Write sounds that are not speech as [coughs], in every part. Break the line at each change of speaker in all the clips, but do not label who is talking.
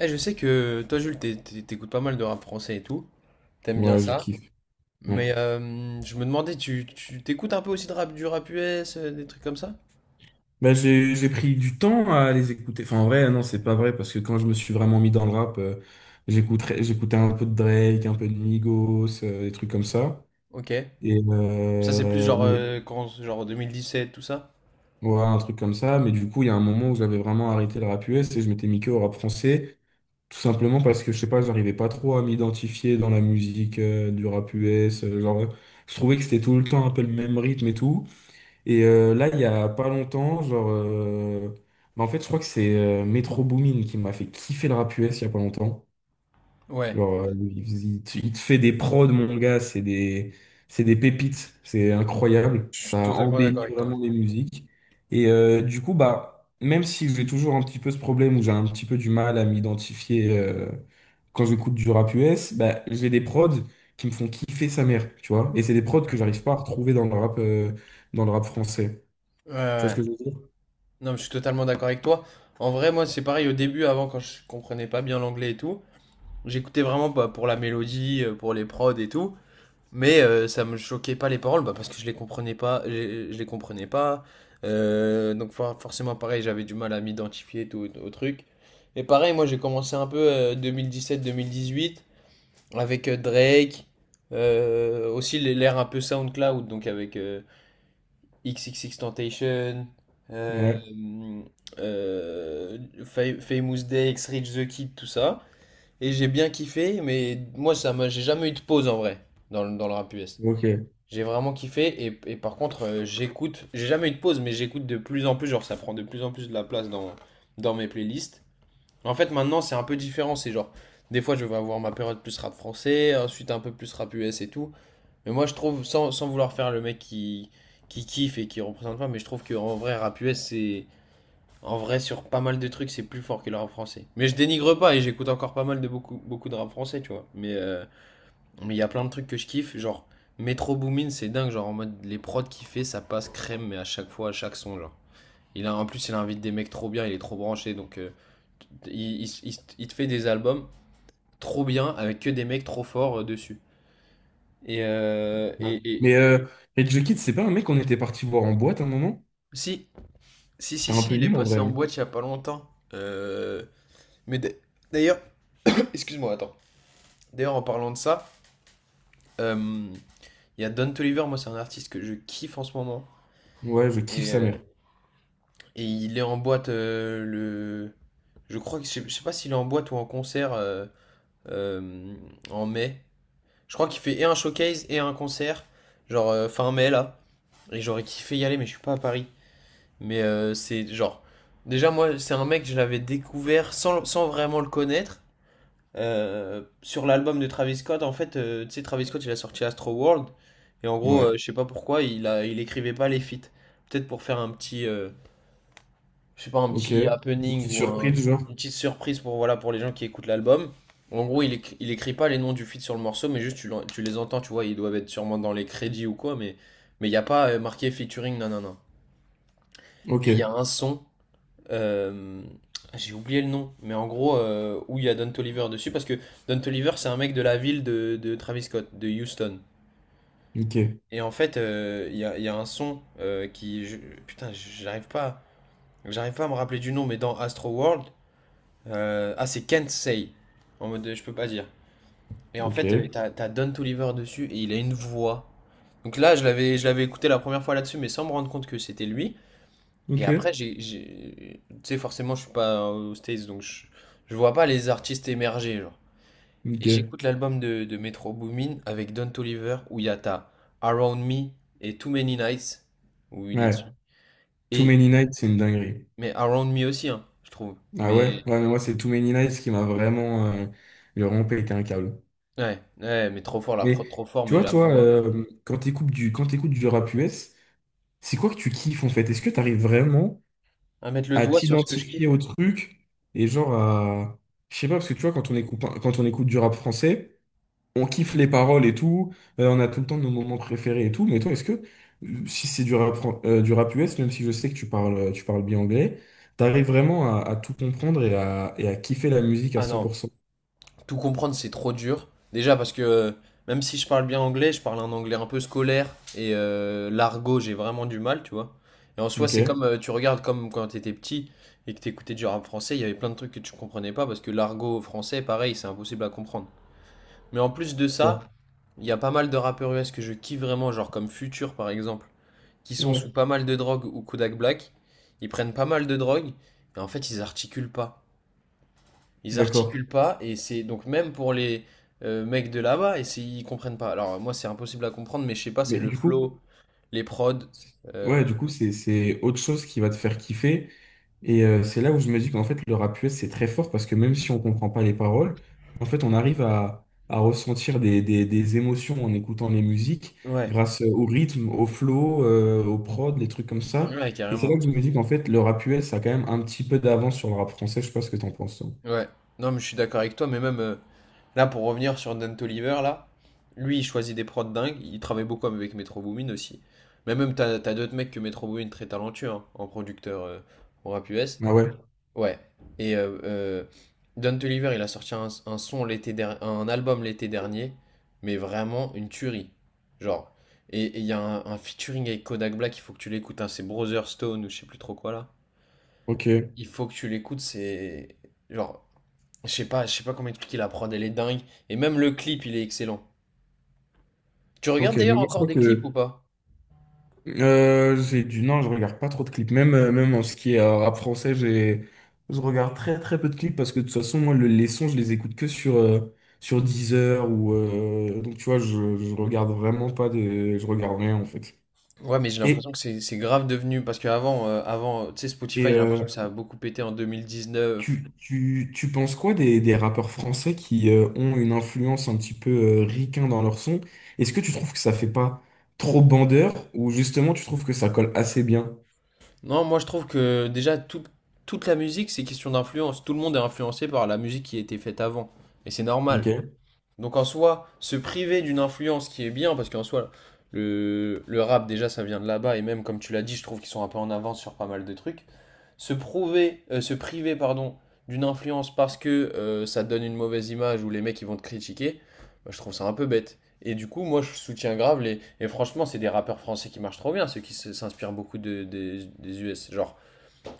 Eh, je sais que toi, Jules, t'écoutes pas mal de rap français et tout. T'aimes bien
Ouais, je
ça.
kiffe. Ouais.
Mais je me demandais, t'écoutes un peu aussi de rap, du rap US, des trucs comme ça?
J'ai pris du temps à les écouter. Enfin, en vrai, non, c'est pas vrai, parce que quand je me suis vraiment mis dans le rap, j'écoutais un peu de Drake, un peu de Migos, des trucs comme ça.
Ok.
Et
Ça, c'est plus
euh,
genre,
mais,
quand, genre 2017, tout ça?
ouais, un truc comme ça. Mais du coup, il y a un moment où j'avais vraiment arrêté le rap US et je m'étais mis que au rap français, tout simplement parce que, je sais pas, j'arrivais pas trop à m'identifier dans la musique du rap US. Genre, je trouvais que c'était tout le temps un peu le même rythme et tout. Et là, il y a pas longtemps, genre, bah, en fait, je crois que c'est Metro Boomin qui m'a fait kiffer le rap US il y a pas longtemps.
Ouais.
Genre, il te fait des prods, mon gars, c'est des pépites, c'est incroyable.
Je suis
Ça
totalement d'accord
embellit
avec toi.
vraiment les musiques. Et du coup, bah, même si j'ai toujours un petit peu ce problème où j'ai un petit peu du mal à m'identifier quand j'écoute du rap US, bah, j'ai des prods qui me font kiffer sa mère, tu vois. Et c'est des prods que j'arrive pas à retrouver dans le rap français.
Ouais,
Tu vois ce
ouais.
que je veux dire?
Non, mais je suis totalement d'accord avec toi. En vrai, moi, c'est pareil au début, avant, quand je comprenais pas bien l'anglais et tout. J'écoutais vraiment pas pour la mélodie, pour les prods et tout. Mais ça me choquait pas les paroles bah, parce que je les comprenais pas, je les comprenais pas. Donc forcément pareil, j'avais du mal à m'identifier tout au truc. Et pareil, moi j'ai commencé un peu 2017-2018 avec Drake, aussi l'ère un peu SoundCloud, donc avec XXXTentacion, euh,
Ouais,
euh, Famous Day, X-Rich The Kid, tout ça. Et j'ai bien kiffé, mais moi j'ai jamais eu de pause en vrai dans le rap US.
ok.
J'ai vraiment kiffé et, et par contre, j'ai jamais eu de pause mais j'écoute de plus en plus, genre ça prend de plus en plus de la place dans, dans mes playlists. En fait maintenant c'est un peu différent, c'est genre des fois je vais avoir ma période plus rap français, ensuite un peu plus rap US et tout. Mais moi je trouve, sans vouloir faire le mec qui kiffe et qui représente pas, mais je trouve qu'en vrai rap US c'est. En vrai sur pas mal de trucs c'est plus fort que le rap français. Mais je dénigre pas et j'écoute encore pas mal de beaucoup, beaucoup de rap français tu vois. Mais il y a plein de trucs que je kiffe, genre Metro Boomin, c'est dingue, genre en mode les prods qu'il fait, ça passe crème, mais à chaque fois, à chaque son, genre. Il a, en plus, il invite des mecs trop bien, il est trop branché, donc il te fait des albums trop bien avec que des mecs trop forts dessus. Et, euh,
Ouais.
et, et-
Mais euh, Rage the Kid, c'est pas un mec qu'on était parti voir en boîte à un moment?
Si, si,
C'était
si,
un
si,
peu
il est
nul en
passé
vrai,
en
hein.
boîte il y a pas longtemps. Mais d'ailleurs, [coughs] [clears throat] excuse-moi, attends. D'ailleurs, en parlant de ça, euh, il y a Don Toliver, moi, c'est un artiste que je kiffe en ce moment.
Ouais, je kiffe
Et,
sa
euh,
mère.
Et il est en boîte le. Je crois que je sais pas s'il est en boîte ou en concert euh, en mai. Je crois qu'il fait et un showcase et un concert, genre fin mai là. Et j'aurais kiffé y aller, mais je suis pas à Paris. Mais c'est genre. Déjà, moi, c'est un mec, que je l'avais découvert sans vraiment le connaître. Sur l'album de Travis Scott, en fait, tu sais, Travis Scott, il a sorti Astro World. Et en gros,
Ouais,
je sais pas pourquoi, il écrivait pas les feats. Peut-être pour faire un petit, je sais pas, un
ok.
petit
Une
happening
petite
ou
surprise, genre.
une petite surprise pour, voilà, pour les gens qui écoutent l'album. En gros, il écrit pas les noms du feat sur le morceau, mais juste tu les entends, tu vois, ils doivent être sûrement dans les crédits ou quoi, mais il n'y a pas marqué featuring, non, non, non.
Ok,
Et il y a un son, euh, j'ai oublié le nom, mais en gros, où il y a Don Toliver dessus, parce que Don Toliver, c'est un mec de la ville de Travis Scott, de Houston.
ok,
Et en fait, il y a un son qui... putain, j'arrive pas à me rappeler du nom, mais dans Astro World, ah, c'est Can't Say. En mode, je peux pas dire. Et en
ok,
fait, t'as Don Toliver dessus et il a une voix. Donc là, je l'avais écouté la première fois là-dessus, mais sans me rendre compte que c'était lui. Et
ok,
après, tu sais, forcément, je suis pas aux States, donc je vois pas les artistes émerger, genre. Et
ok.
j'écoute l'album de Metro Boomin avec Don Toliver où il y a ta Around Me et Too Many Nights où il est
Ouais,
dessus.
Too
Et,
Many Nights, c'est une dinguerie.
mais Around Me aussi, hein, je trouve.
Ah ouais? Ouais, mais moi, c'est Too Many Nights qui m'a vraiment... il a vraiment pété un câble.
Ouais, ouais, mais trop fort, la
Mais
prod trop fort,
tu
mais
vois,
la
toi,
voix.
quand t'écoutes du rap US, c'est quoi que tu kiffes en fait? Est-ce que t'arrives vraiment...
À mettre le
à
doigt sur ce que je
t'identifier
kiffe?
au truc et genre à... Je sais pas, parce que tu vois, quand on écoute du rap français, on kiffe les paroles et tout, on a tout le temps nos moments préférés et tout, mais toi, est-ce que si c'est du du rap US, même si je sais que tu parles bien anglais, t'arrives vraiment à tout comprendre et à kiffer la musique à
Ah
cent
non,
pour cent
tout comprendre c'est trop dur. Déjà parce que même si je parle bien anglais, je parle un anglais un peu scolaire et l'argot, j'ai vraiment du mal, tu vois. Et en soi,
Ok.
c'est comme tu regardes comme quand t'étais petit et que t'écoutais du rap français, il y avait plein de trucs que tu comprenais pas parce que l'argot français, pareil, c'est impossible à comprendre. Mais en plus de ça,
Bon.
il y a pas mal de rappeurs US que je kiffe vraiment, genre comme Future par exemple, qui sont
Ouais,
sous pas mal de drogue ou Kodak Black. Ils prennent pas mal de drogue et en fait ils articulent pas. Ils
d'accord.
articulent pas et c'est donc même pour les mecs de là-bas et ils comprennent pas. Alors moi c'est impossible à comprendre mais je sais pas, c'est
Mais
le
du coup...
flow, les prods euh,
Ouais, du coup, c'est autre chose qui va te faire kiffer. Et c'est là où je me dis qu'en fait, le rap US, c'est très fort parce que même si on comprend pas les paroles, en fait, on arrive à ressentir des émotions en écoutant les musiques
ouais,
grâce au rythme, au flow, au prod, les trucs comme ça.
ouais
Et c'est là
carrément.
que je me dis qu'en fait, le rap US a quand même un petit peu d'avance sur le rap français. Je sais pas ce que t'en penses, toi.
Ouais. Non mais je suis d'accord avec toi mais même là pour revenir sur Dan Toliver là, lui il choisit des prods dingues, il travaille beaucoup avec Metro Boomin aussi. Mais même t'as d'autres mecs que Metro Boomin très talentueux hein, en producteur au rap US.
Ah ouais,
Ouais. Et Don Toliver, il a sorti un album l'été dernier, mais vraiment une tuerie. Genre. Et il y a un featuring avec Kodak Black, il faut que tu l'écoutes, hein, c'est Brother Stone ou je sais plus trop quoi là.
ok,
Il faut que tu l'écoutes, c'est. Genre, je sais pas comment expliquer la prod, elle est dingue. Et même le clip, il est excellent. Tu regardes
ok. Mais
d'ailleurs
moi, je
encore
crois
des clips ou
que...
pas?
J'ai du non, je regarde pas trop de clips. Même, même en ce qui est rap français, j'ai je regarde très très peu de clips parce que de toute façon, moi, les sons, je les écoute que sur sur Deezer ou donc tu vois, je regarde vraiment pas de, je regarde rien en fait.
Ouais, mais j'ai
Et
l'impression que c'est grave devenu. Parce qu'avant, tu sais, Spotify,
et
j'ai l'impression
euh,
que ça a beaucoup pété en 2019.
tu penses quoi des rappeurs français qui ont une influence un petit peu ricain dans leur son? Est-ce que tu trouves que ça fait pas trop bandeur ou justement tu trouves que ça colle assez bien?
Non, moi je trouve que déjà toute la musique c'est question d'influence. Tout le monde est influencé par la musique qui a été faite avant. Et c'est
Ok.
normal. Donc en soi, se priver d'une influence qui est bien, parce qu'en soi, le rap déjà ça vient de là-bas, et même comme tu l'as dit, je trouve qu'ils sont un peu en avance sur pas mal de trucs. Se priver, pardon, d'une influence parce que ça te donne une mauvaise image ou les mecs ils vont te critiquer, bah, je trouve ça un peu bête. Et du coup, moi je soutiens grave les. Et franchement, c'est des rappeurs français qui marchent trop bien, ceux qui s'inspirent beaucoup des US. Genre.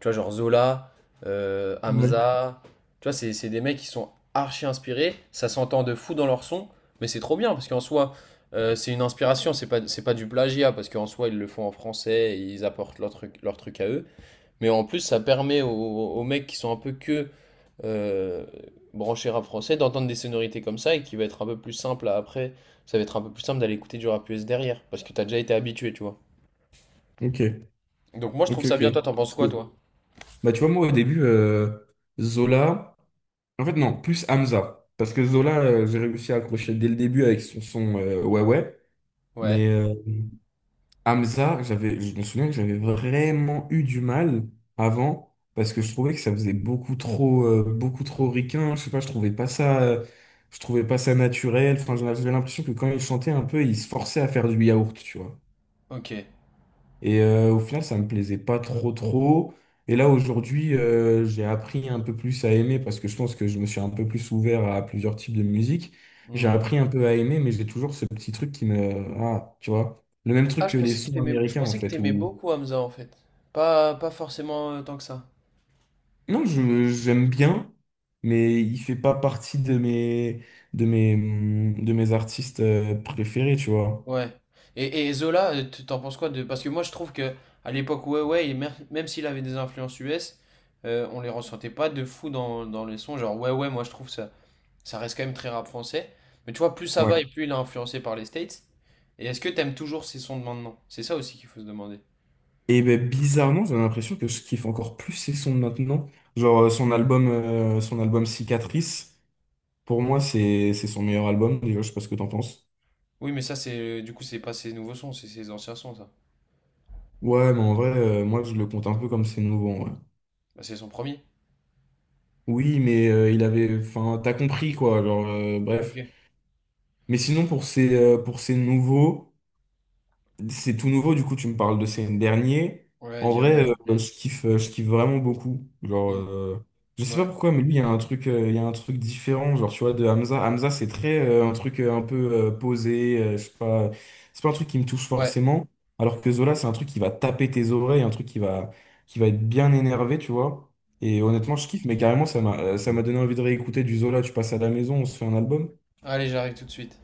Tu vois, genre Zola,
Ouais.
Hamza. Tu vois, c'est des mecs qui sont archi inspirés. Ça s'entend de fou dans leur son. Mais c'est trop bien parce qu'en soi, c'est une inspiration. C'est pas, du plagiat parce qu'en soi, ils le font en français, et ils apportent leur truc à eux. Mais en plus, ça permet aux mecs qui sont un peu que euh, branchés rap français d'entendre des sonorités comme ça et qui va être un peu plus simple après. Ça va être un peu plus simple d'aller écouter du rap US derrière parce que t'as déjà été habitué, tu vois.
Ok.
Donc moi, je
Ok.
trouve ça bien. Toi, t'en penses quoi,
Ok.
toi?
Bah, tu vois, moi, au début, Zola. En fait, non, plus Hamza. Parce que Zola, j'ai réussi à accrocher dès le début avec son son Ouais Ouais. Mais
Ouais,
euh, Hamza, j'avais, je me souviens que j'avais vraiment eu du mal avant. Parce que je trouvais que ça faisait beaucoup trop ricain. Je sais pas, je trouvais pas ça, je trouvais pas ça naturel. Enfin, j'avais l'impression que quand il chantait un peu, il se forçait à faire du yaourt, tu vois.
ok.
Et au final, ça me plaisait pas trop trop. Et là, aujourd'hui, j'ai appris un peu plus à aimer parce que je pense que je me suis un peu plus ouvert à plusieurs types de musique. J'ai
Hmm.
appris un peu à aimer, mais j'ai toujours ce petit truc qui me... Ah, tu vois, le même truc
Ah,
que les sons
je
américains, en
pensais que
fait,
t'aimais
où...
beaucoup Hamza en fait. Pas forcément tant que ça.
Non, je, j'aime bien, mais il fait pas partie de mes, de mes artistes préférés, tu vois.
Ouais. Et Zola, t'en penses quoi de... Parce que moi je trouve que à l'époque, ouais, ouais, et même s'il avait des influences US, on les ressentait pas de fou dans les sons. Genre, ouais, ouais, moi je trouve ça, ça reste quand même très rap français. Mais tu vois, plus ça va et plus il est influencé par les States. Et est-ce que t'aimes toujours ces sons de maintenant? C'est ça aussi qu'il faut se demander.
Et ben, bizarrement, j'ai l'impression que je kiffe encore plus ses sons de maintenant. Genre son album Cicatrice, pour moi, c'est son meilleur album. Déjà, je sais pas ce que t'en penses.
Oui, mais ça, c'est du coup, c'est pas ses nouveaux sons, c'est ses anciens sons, ça.
Ouais, mais en vrai, moi, je le compte un peu comme ses nouveaux, en vrai.
Bah, c'est son premier.
Oui, mais il avait, enfin, t'as compris quoi. Genre,
Ok.
bref. Mais sinon, pour ces nouveaux. C'est tout nouveau, du coup, tu me parles de ces derniers.
Ouais,
En
Diamant.
vrai, je kiffe vraiment beaucoup. Genre,
Mm.
je sais pas
Ouais.
pourquoi, mais lui, il y a un truc, il y a un truc différent. Genre, tu vois, de Hamza. Hamza, c'est très un truc un peu posé. Je sais pas, c'est pas un truc qui me touche
Ouais.
forcément. Alors que Zola, c'est un truc qui va taper tes oreilles, un truc qui va être bien énervé, tu vois. Et
Mm.
honnêtement, je kiffe, mais carrément, ça m'a donné envie de réécouter du Zola. Tu passes à la maison, on se fait un album.
Allez, j'arrive tout de suite.